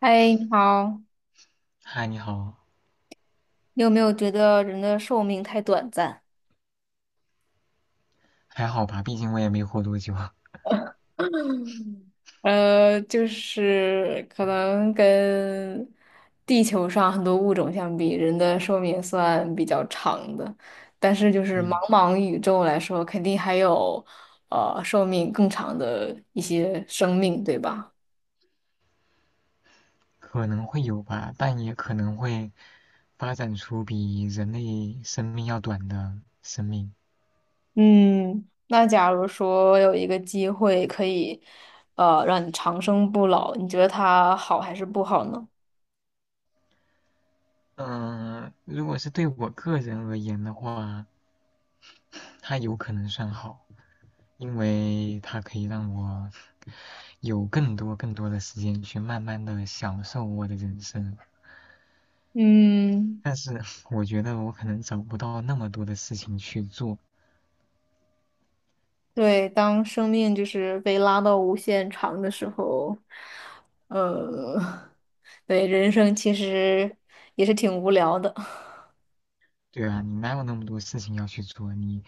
嗨，你好，嗨，你好。你有没有觉得人的寿命太短暂？还好吧？毕竟我也没活多久。就是可能跟地球上很多物种相比，人的寿命算比较长的，但是就是茫嗯，茫宇宙来说，肯定还有寿命更长的一些生命，对吧？可能会有吧，但也可能会发展出比人类生命要短的生命。嗯，那假如说有一个机会可以让你长生不老，你觉得它好还是不好呢？嗯，如果是对我个人而言的话，它有可能算好，因为它可以让我有更多更多的时间去慢慢的享受我的人生。嗯。但是我觉得我可能找不到那么多的事情去做。对，当生命就是被拉到无限长的时候，呃，对，人生其实也是挺无聊的，对啊，你哪有那么多事情要去做？你，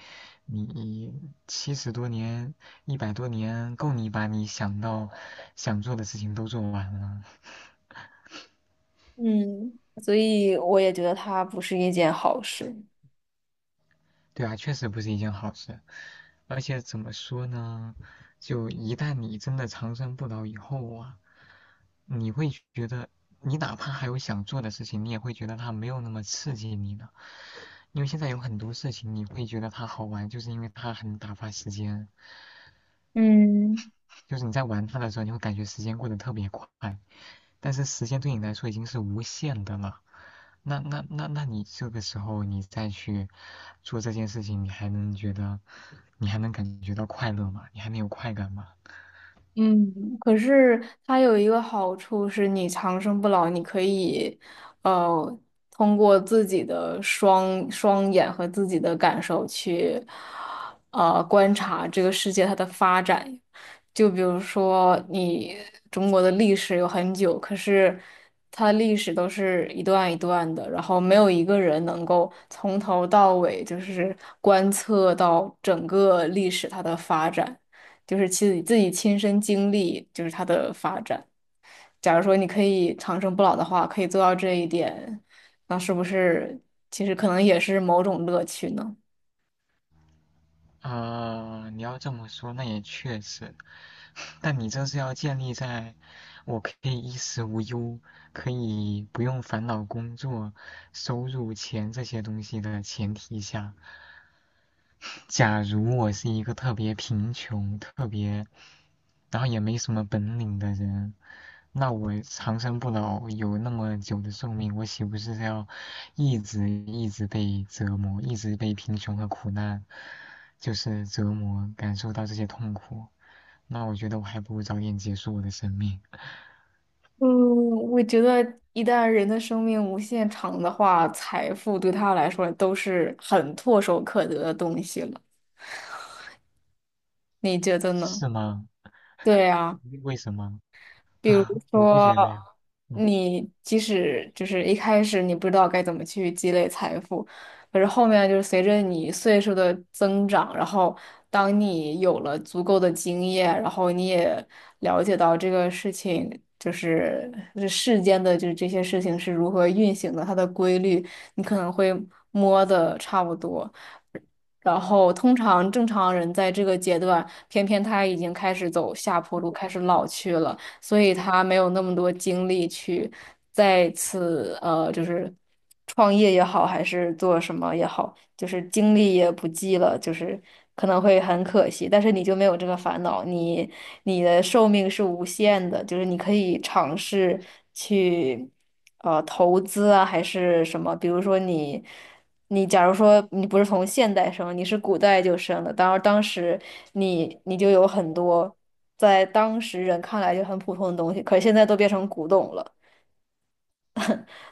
你七十多年、一百多年，够你把你想到想做的事情都做完了。嗯，所以我也觉得它不是一件好事，对啊，确实不是一件好事。而且怎么说呢？就一旦你真的长生不老以后啊，你会觉得，你哪怕还有想做的事情，你也会觉得它没有那么刺激你了。因为现在有很多事情，你会觉得它好玩，就是因为它很打发时间。嗯。就是你在玩它的时候，你会感觉时间过得特别快。但是时间对你来说已经是无限的了。那你这个时候你再去做这件事情，你还能觉得，你还能感觉到快乐吗？你还能有快感吗？嗯，可是它有一个好处是，你长生不老，你可以，呃，通过自己的双眼和自己的感受去，观察这个世界它的发展。就比如说，你中国的历史有很久，可是它的历史都是一段一段的，然后没有一个人能够从头到尾就是观测到整个历史它的发展。就是自己亲身经历，就是它的发展。假如说你可以长生不老的话，可以做到这一点，那是不是其实可能也是某种乐趣呢？啊，你要这么说，那也确实，但你这是要建立在我可以衣食无忧，可以不用烦恼工作、收入、钱这些东西的前提下。假如我是一个特别贫穷、特别，然后也没什么本领的人，那我长生不老有那么久的寿命，我岂不是要一直一直被折磨，一直被贫穷和苦难就是折磨，感受到这些痛苦？那我觉得我还不如早点结束我的生命。嗯，我觉得一旦人的生命无限长的话，财富对他来说都是很唾手可得的东西了。你觉得呢？是吗？对呀。为什么？比如 我不说，觉得呀。嗯。你即使就是一开始你不知道该怎么去积累财富，可是后面就是随着你岁数的增长，然后当你有了足够的经验，然后你也了解到这个事情就是这世间的就是这些事情是如何运行的，它的规律，你可能会摸的差不多。然后，通常正常人在这个阶段，偏偏他已经开始走下坡路，开始老去了。所以他没有那么多精力去再次就是创业也好，还是做什么也好，就是精力也不济了，就是可能会很可惜。但是你就没有这个烦恼，你的寿命是无限的，就是你可以尝试去投资啊，还是什么，比如说你。你假如说你不是从现代生，你是古代就生的，当然当时你就有很多在当时人看来就很普通的东西，可是现在都变成古董了。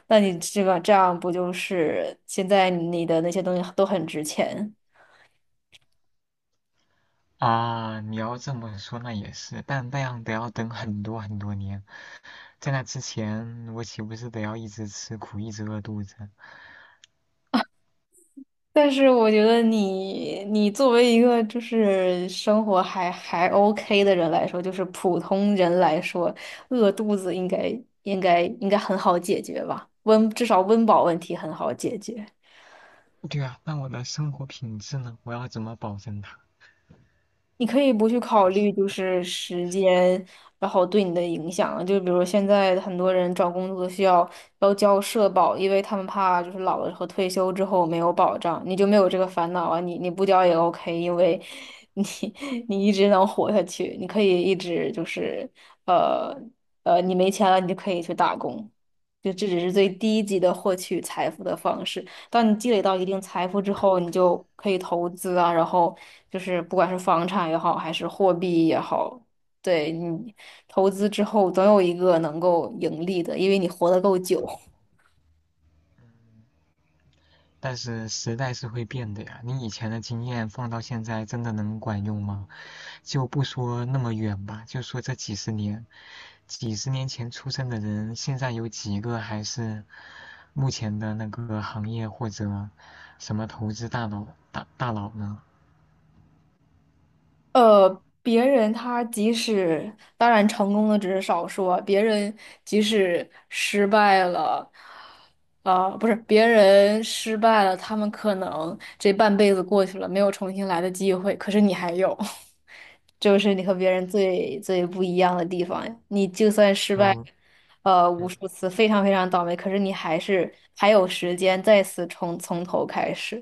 那你这个这样不就是现在你的那些东西都很值钱？啊，你要这么说那也是，但那样得要等很多很多年，在那之前我岂不是得要一直吃苦，一直饿肚子？但是我觉得你作为一个就是生活还 OK 的人来说，就是普通人来说，饿肚子应该很好解决吧？至少温饱问题很好解决。对啊，那我的生活品质呢？我要怎么保证它？你可以不去考虑就是时间，然后对你的影响。就比如说现在很多人找工作需要交社保，因为他们怕就是老了和退休之后没有保障，你就没有这个烦恼啊。你不交也 OK，因为你 你一直能活下去，你可以一直就是呃你没钱了，你就可以去打工。就这只是最低级的获取财富的方式。当你积累到一定财富之后，你就可以投资啊，然后就是不管是房产也好，还是货币也好，对你投资之后总有一个能够盈利的，因为你活得够久。但是时代是会变的呀，你以前的经验放到现在真的能管用吗？就不说那么远吧，就说这几十年，几十年前出生的人，现在有几个还是目前的那个行业或者什么投资大佬呢？别人他即使当然成功的只是少数啊，别人即使失败了，啊、不是别人失败了，他们可能这半辈子过去了，没有重新来的机会，可是你还有，这就是你和别人最最不一样的地方呀。你就算失可败，无嗯，数次，非常非常倒霉，可是你还有时间再次从头开始。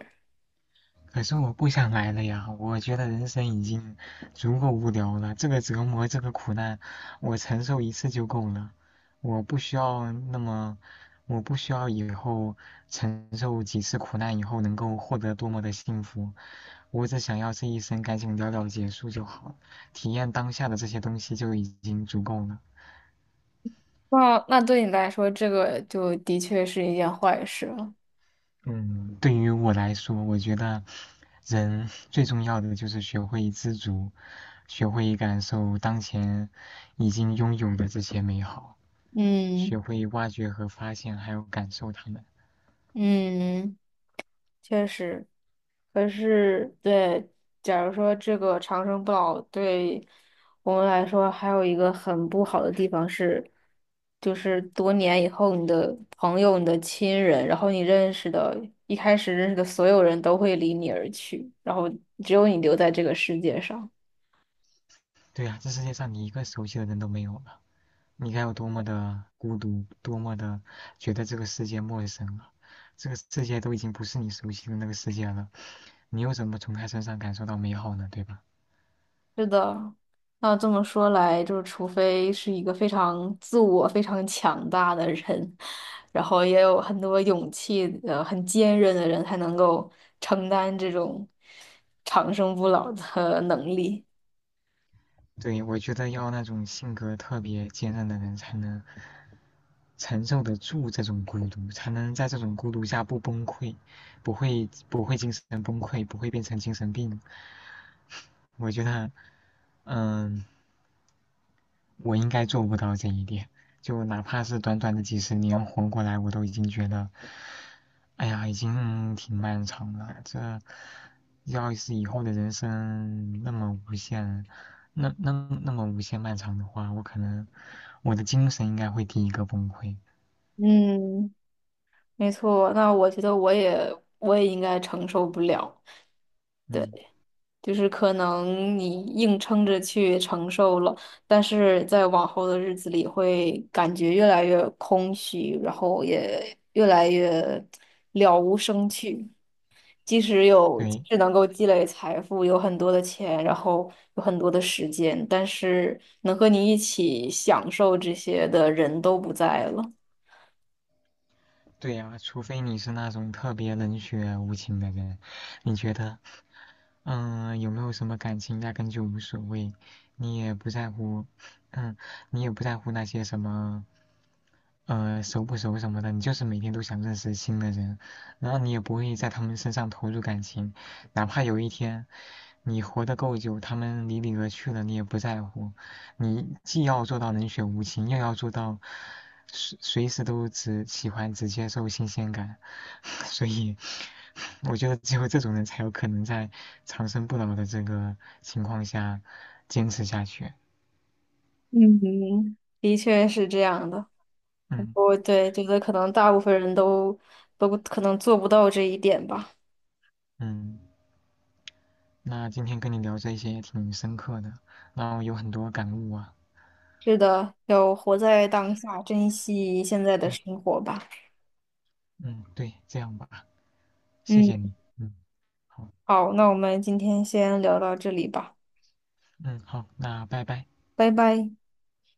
可是我不想来了呀，我觉得人生已经足够无聊了，这个折磨，这个苦难，我承受一次就够了，我不需要那么，我不需要以后承受几次苦难以后能够获得多么的幸福，我只想要这一生赶紧了了结束就好，体验当下的这些东西就已经足够了。那对你来说，这个就的确是一件坏事了。嗯，对于我来说，我觉得人最重要的就是学会知足，学会感受当前已经拥有的这些美好，学嗯会挖掘和发现，还有感受它们。嗯，确实。可是，对，假如说这个长生不老对我们来说，还有一个很不好的地方是，就是多年以后，你的朋友、你的亲人，然后你认识的，一开始认识的所有人都会离你而去，然后只有你留在这个世界上。对呀，这世界上你一个熟悉的人都没有了，你该有多么的孤独，多么的觉得这个世界陌生了。这个世界都已经不是你熟悉的那个世界了，你又怎么从他身上感受到美好呢？对吧？是的，那这么说来，就是除非是一个非常自我、非常强大的人，然后也有很多勇气、很坚韧的人，才能够承担这种长生不老的能力。对，我觉得要那种性格特别坚韧的人才能承受得住这种孤独，才能在这种孤独下不崩溃，不会不会精神崩溃，不会变成精神病。我觉得，嗯，我应该做不到这一点。就哪怕是短短的几十年活过来，我都已经觉得，哎呀，已经挺漫长了。这要是以后的人生那么无限，那那么无限漫长的话，我可能我的精神应该会第一个崩溃。嗯，没错。那我觉得我也应该承受不了。对。嗯。就是可能你硬撑着去承受了，但是在往后的日子里会感觉越来越空虚，然后也越来越了无生趣。即使有，即对，使能够积累财富，有很多的钱，然后有很多的时间，但是能和你一起享受这些的人都不在了。对呀，除非你是那种特别冷血无情的人。你觉得，嗯，有没有什么感情压根就无所谓，你也不在乎，嗯，你也不在乎那些什么，熟不熟什么的，你就是每天都想认识新的人，然后你也不会在他们身上投入感情，哪怕有一天你活得够久，他们离你而去了，你也不在乎。你既要做到冷血无情，又要做到随时都只喜欢只接受新鲜感，所以我觉得只有这种人才有可能在长生不老的这个情况下坚持下去。嗯，的确是这样的。嗯我觉得可能大部分人都可能做不到这一点吧。嗯，那今天跟你聊这些也挺深刻的，然后有很多感悟啊。是的，要活在当下，珍惜现在的对，生活吧。嗯对，这样吧，谢嗯，谢你。嗯，好，好，那我们今天先聊到这里吧，嗯好，那拜拜。拜拜。